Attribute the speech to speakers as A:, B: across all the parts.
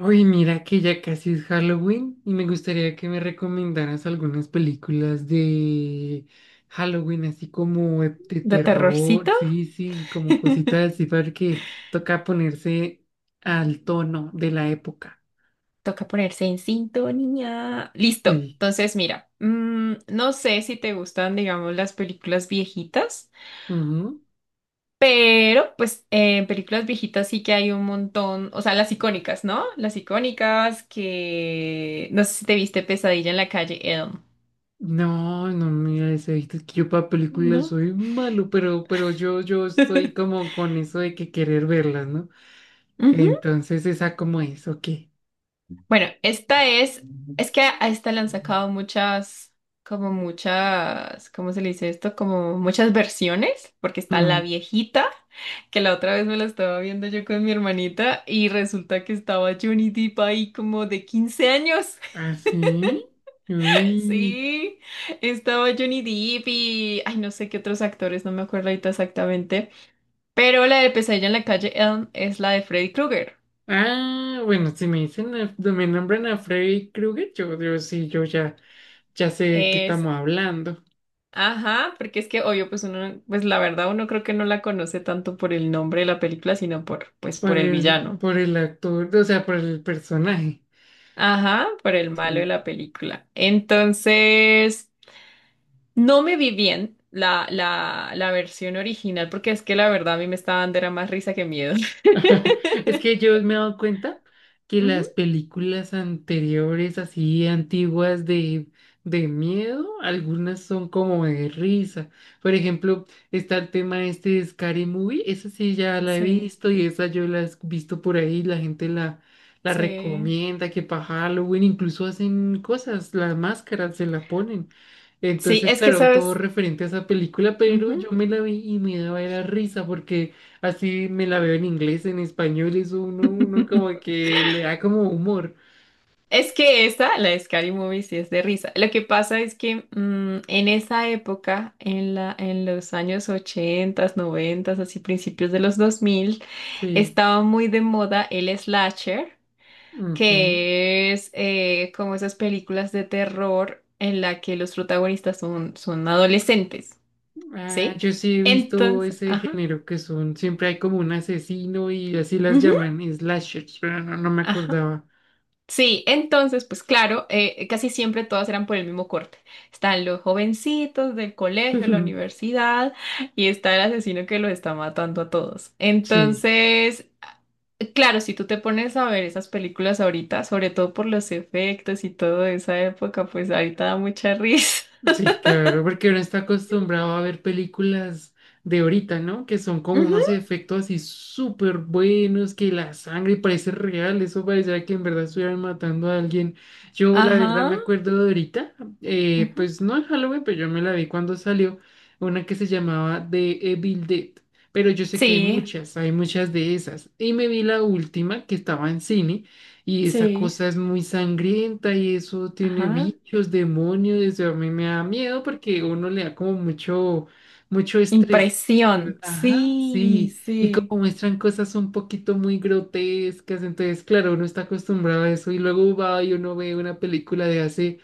A: Uy, mira que ya casi es Halloween y me gustaría que me recomendaras algunas películas de Halloween, así como de
B: ¿De
A: terror,
B: terrorcito?
A: sí, sí, como cositas así, porque toca ponerse al tono de la época.
B: Toca ponerse en sintonía. Listo.
A: Sí.
B: Entonces, mira, no sé si te gustan, digamos, las películas viejitas,
A: Ujú.
B: pero pues en películas viejitas sí que hay un montón, o sea, las icónicas, ¿no? Las icónicas que no sé si te viste Pesadilla en la calle Elm.
A: No, no, mira, eso, es que yo para películas
B: ¿No?
A: soy malo, pero yo, yo estoy como con eso de que querer verlas, ¿no?
B: Ujú.
A: Entonces, esa como es, ok.
B: Bueno, esta es que a esta le han sacado muchas, como muchas, ¿cómo se le dice esto? Como muchas versiones, porque está la
A: Mm.
B: viejita, que la otra vez me la estaba viendo yo con mi hermanita y resulta que estaba Johnny Depp ahí como de 15 años.
A: ¿Ah, sí? Uy.
B: Sí, estaba Johnny Depp y ay, no sé qué otros actores, no me acuerdo ahorita exactamente, pero la de Pesadilla en la calle Elm es la de Freddy Krueger.
A: Ah, bueno, si me dicen, no, me nombran a Freddy Krueger, yo sí, yo ya, ya sé de qué
B: Es,
A: estamos hablando.
B: ajá, porque es que obvio, pues uno, pues la verdad uno creo que no la conoce tanto por el nombre de la película, sino por, pues por el villano.
A: Por el actor, o sea, por el personaje.
B: Ajá, por el malo de
A: Sí.
B: la película. Entonces, no me vi bien la versión original, porque es que la verdad a mí me estaba dando era más risa que miedo.
A: Es que yo me he dado cuenta que las
B: Ujú.
A: películas anteriores, así antiguas de miedo, algunas son como de risa. Por ejemplo, está el tema este de Scary Movie, esa sí ya la he
B: Sí,
A: visto y esa yo la he visto por ahí, la
B: sí.
A: recomienda que para Halloween incluso hacen cosas, las máscaras se la ponen.
B: Sí,
A: Entonces,
B: es que
A: claro, todo
B: sabes.
A: referente a esa película, pero
B: Ujú.
A: yo me la vi y me daba era risa porque así me la veo en inglés, en español, eso uno, uno como que le da como humor.
B: Es que esa, la de Scary Movie, sí es de risa. Lo que pasa es que en esa época, en los años 80, 90, así principios de los 2000
A: Sí.
B: estaba muy de moda el slasher,
A: Ujú.
B: que es como esas películas de terror en la que los protagonistas son adolescentes,
A: Ah,
B: ¿sí?
A: yo sí he visto
B: Entonces,
A: ese
B: ajá,
A: género que son, siempre hay como un asesino y así las
B: ujú,
A: llaman, slashers, pero no, no me
B: ajá.
A: acordaba.
B: Sí, entonces, pues claro, casi siempre todas eran por el mismo corte. Están los jovencitos del colegio, la universidad, y está el asesino que los está matando a todos.
A: Sí.
B: Entonces, claro, si tú te pones a ver esas películas ahorita, sobre todo por los efectos y todo de esa época, pues ahorita da mucha risa.
A: Sí, claro, porque uno está acostumbrado a ver películas de ahorita, ¿no? Que son como
B: Ujú,
A: unos efectos así súper buenos, que la sangre parece real, eso parecía que en verdad estuvieran matando a alguien. Yo la verdad
B: ajá.
A: me acuerdo de ahorita,
B: Ujú.
A: pues no en Halloween, pero yo me la vi cuando salió una que se llamaba The Evil Dead, pero yo sé que
B: Sí,
A: hay muchas de esas. Y me vi la última que estaba en cine y esa
B: sí.
A: cosa es muy sangrienta y eso tiene
B: Ajá.
A: bichos, demonios, eso a mí me da miedo porque uno le da como mucho estrés.
B: Impresión.
A: Ajá,
B: Sí,
A: sí, y
B: sí.
A: como muestran cosas un poquito muy grotescas, entonces claro, uno está acostumbrado a eso y luego va y uno ve una película de hace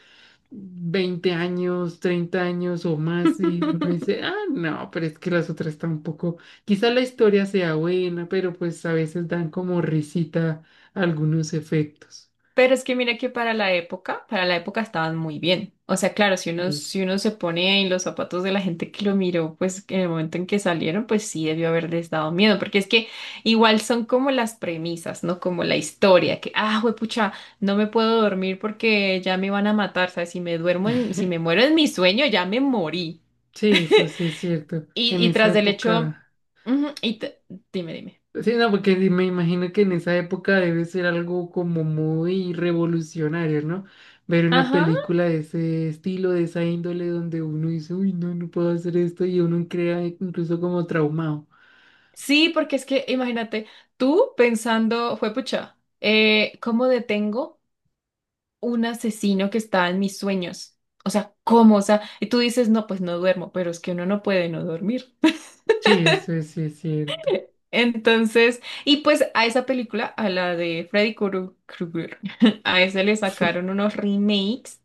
A: 20 años, 30 años o más y uno dice, ah, no, pero es que las otras tampoco, quizá la historia sea buena, pero pues a veces dan como risita algunos efectos.
B: Pero es que mira que para la época estaban muy bien. O sea, claro, si uno,
A: Sí,
B: si uno se pone en los zapatos de la gente que lo miró, pues en el momento en que salieron, pues sí debió haberles dado miedo, porque es que igual son como las premisas, ¿no? Como la historia, que, ah, juepucha, no me puedo dormir porque ya me van a matar, ¿sabes? Si me duermo, si me muero en mi sueño, ya me morí.
A: sí, eso sí es cierto.
B: Y,
A: En
B: y
A: esa
B: tras del hecho,
A: época,
B: ujú, dime, dime.
A: sí, no, porque me imagino que en esa época debe ser algo como muy revolucionario, ¿no? Ver una
B: Ajá.
A: película de ese estilo, de esa índole, donde uno dice, uy, no, no puedo hacer esto y uno crea incluso como traumado.
B: Sí, porque es que imagínate, tú pensando, juepucha, ¿cómo detengo un asesino que está en mis sueños? O sea, ¿cómo? O sea, y tú dices, no, pues no duermo, pero es que uno no puede no dormir.
A: Sí, eso es, sí es cierto.
B: Entonces, y pues a esa película, a la de Freddy Krueger, a esa le
A: Sí.
B: sacaron unos remakes.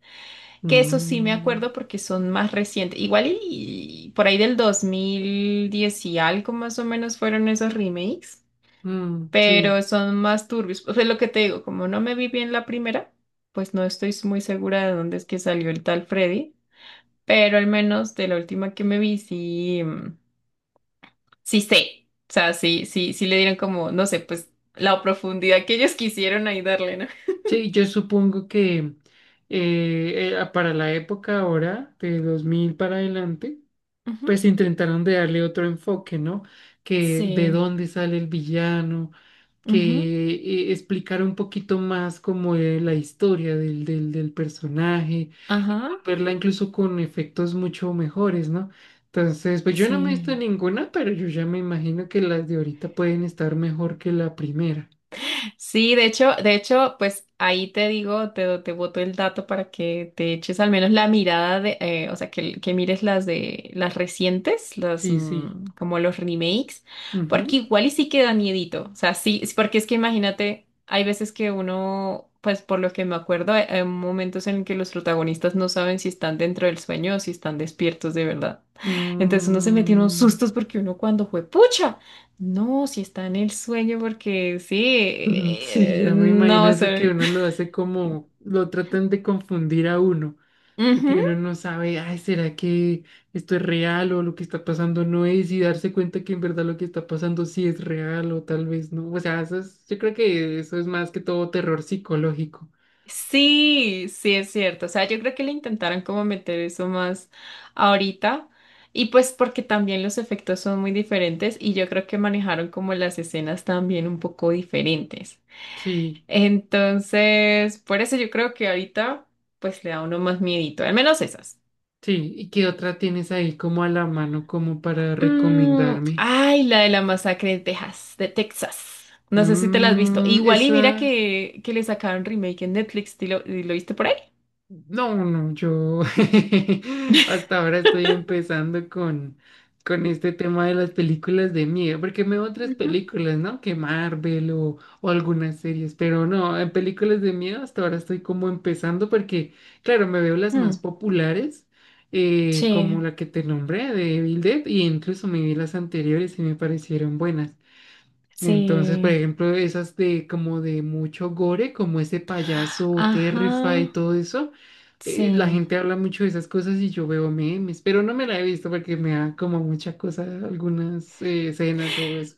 B: Que eso sí me
A: Mm,
B: acuerdo porque son más recientes. Igual y, por ahí del 2010 y algo más o menos fueron esos remakes,
A: mm,
B: pero
A: sí.
B: son más turbios. O sea, lo que te digo, como no me vi bien la primera, pues no estoy muy segura de dónde es que salió el tal Freddy, pero al menos de la última que me vi sí, sí sé. O sea, sí, sí, sí le dieron como, no sé, pues la profundidad que ellos quisieron ahí darle, ¿no?
A: Sí, yo supongo que para la época ahora, de 2000 para adelante,
B: Ujú.
A: pues intentaron de darle otro enfoque, ¿no? Que de
B: Sí.
A: dónde sale el villano, que
B: Ujú.
A: explicara un poquito más como la historia del personaje y
B: Ajá.
A: volverla incluso con efectos mucho mejores, ¿no? Entonces, pues yo no me he visto
B: Sí.
A: ninguna, pero yo ya me imagino que las de ahorita pueden estar mejor que la primera.
B: Sí, de hecho, pues ahí te digo, te boto el dato para que te eches al menos la mirada de, o sea, que, mires las de las recientes, las
A: Sí, sí.
B: como los remakes, porque
A: Ujú.
B: igual y sí queda miedito, o sea, sí, es porque es que imagínate, hay veces que uno, pues por lo que me acuerdo, hay, momentos en que los protagonistas no saben si están dentro del sueño o si están despiertos de verdad. Entonces uno se metió en unos
A: Mm,
B: sustos porque uno cuando fue, ¡pucha! No, si está en el sueño, porque sí,
A: sí, ya me imagino
B: no
A: eso que
B: sé.
A: uno lo hace como, lo tratan de confundir a uno. Porque
B: Ujú.
A: uno no sabe, ay, ¿será que esto es real o lo que está pasando no es? Y darse cuenta que en verdad lo que está pasando sí es real o tal vez no. O sea, eso es, yo creo que eso es más que todo terror psicológico.
B: Sí, sí es cierto. O sea, yo creo que le intentaron como meter eso más ahorita. Y pues porque también los efectos son muy diferentes y yo creo que manejaron como las escenas también un poco diferentes.
A: Sí,
B: Entonces, por eso yo creo que ahorita pues le da a uno más miedito, al menos esas.
A: sí. ¿Y qué otra tienes ahí como a la mano como para
B: Mm,
A: recomendarme?
B: ay, la de la masacre de Texas. No sé si te la has visto.
A: Mm,
B: Igual y mira
A: esa.
B: que, le sacaron remake en Netflix. ¿Y lo, viste por ahí?
A: No, no, yo hasta ahora estoy empezando con este tema de las películas de miedo, porque me veo otras
B: Ujú.
A: películas, ¿no? Que Marvel o algunas series, pero no, en películas de miedo hasta ahora estoy como empezando porque, claro, me veo las más
B: Mm,
A: populares,
B: sí,
A: como la que te nombré de Evil Dead, y incluso me vi las anteriores y me parecieron buenas. Entonces, por
B: sí.
A: ejemplo, esas de como de mucho gore, como ese payaso Terrify y
B: Ajá,
A: todo eso la
B: sí.
A: gente habla mucho de esas cosas y yo veo memes, pero no me la he visto porque me da como mucha cosa algunas escenas o eso.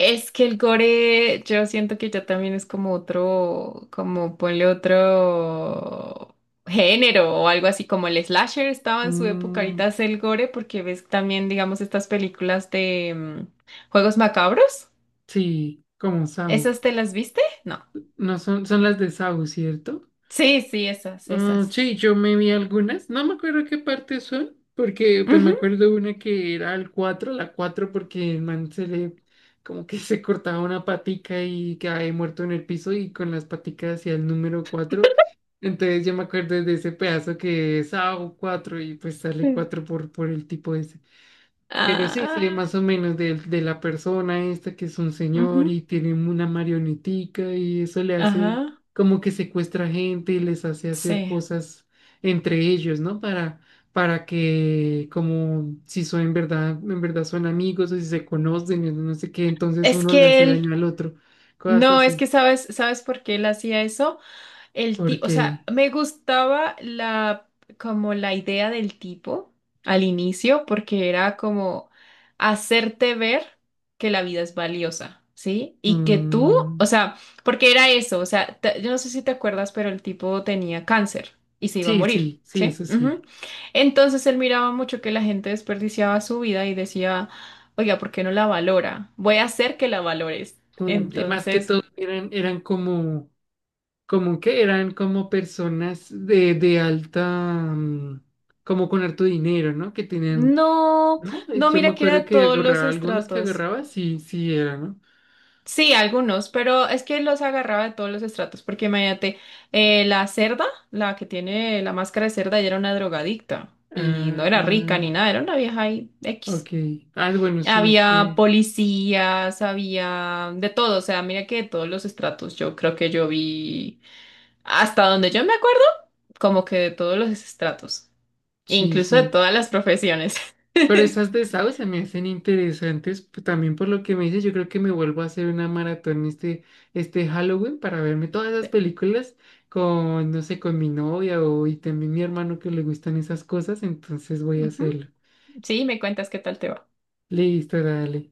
B: Es que el gore, yo siento que ya también es como otro, como ponle otro género o algo así como el slasher estaba en su época,
A: Mm,
B: ahorita es el gore porque ves también, digamos, estas películas de juegos macabros.
A: sí, como Saw.
B: ¿Esas te las viste? No.
A: No son, son las de Saw, ¿cierto?
B: Sí, sí, esas,
A: Mm,
B: esas.
A: sí, yo me vi algunas, no me acuerdo qué partes son, porque pues me
B: Ujú.
A: acuerdo una que era el 4 la 4 porque el man se le como que se cortaba una patica y cae muerto en el piso y con las paticas hacia el número cuatro. Entonces yo me acuerdo de ese pedazo que es ao cuatro y pues sale
B: Sí.
A: 4 por el tipo, pero sí, sé
B: Ah,
A: más o menos de la persona esta que es un señor
B: ujú.
A: y tiene una marionetica y eso le hace
B: Ajá.
A: como que secuestra gente y les hace hacer
B: Sí.
A: cosas entre ellos, ¿no? Para que como si son en verdad son amigos o si se conocen, y no sé qué, entonces
B: Es
A: uno le
B: que
A: hace
B: él,
A: daño al otro, cosas
B: no, es
A: así.
B: que sabes, ¿sabes por qué él hacía eso? El tipo, o
A: Porque
B: sea, me gustaba la como la idea del tipo al inicio, porque era como hacerte ver que la vida es valiosa, ¿sí? Y que tú, o
A: mm,
B: sea, porque era eso, o sea, yo no sé si te acuerdas, pero el tipo tenía cáncer y se iba a
A: sí,
B: morir,
A: sí, sí,
B: ¿sí?
A: eso sí.
B: Ujú. Entonces él miraba mucho que la gente desperdiciaba su vida y decía, oiga, ¿por qué no la valora? Voy a hacer que la valores.
A: Mm, y más que
B: Entonces,
A: todo eran, eran como como que eran como personas de alta, mm, como con harto dinero, ¿no? Que tenían,
B: no,
A: ¿no?
B: no,
A: Yo me
B: mira que era
A: acuerdo
B: de
A: que
B: todos los
A: agarraba, algunos que
B: estratos.
A: agarraba, sí, sí era, ¿no?
B: Sí, algunos, pero es que los agarraba de todos los estratos, porque imagínate, la cerda, la que tiene la máscara de cerda, ella era una drogadicta y no era rica ni
A: Ah,
B: nada, era una vieja ahí
A: ok.
B: X.
A: Ah, bueno, sí, es
B: Había
A: que,
B: policías, había de todo, o sea, mira que de todos los estratos, yo creo que yo vi hasta donde yo me acuerdo, como que de todos los estratos,
A: sí,
B: incluso de
A: sí.
B: todas las profesiones.
A: Pero esas de Sao se me hacen interesantes, también por lo que me dices, yo creo que me vuelvo a hacer una maratón este Halloween para verme todas esas películas con, no sé, con mi novia o y también mi hermano que le gustan esas cosas, entonces voy a
B: Ujú.
A: hacerlo.
B: Sí, me cuentas qué tal te va.
A: Listo, dale.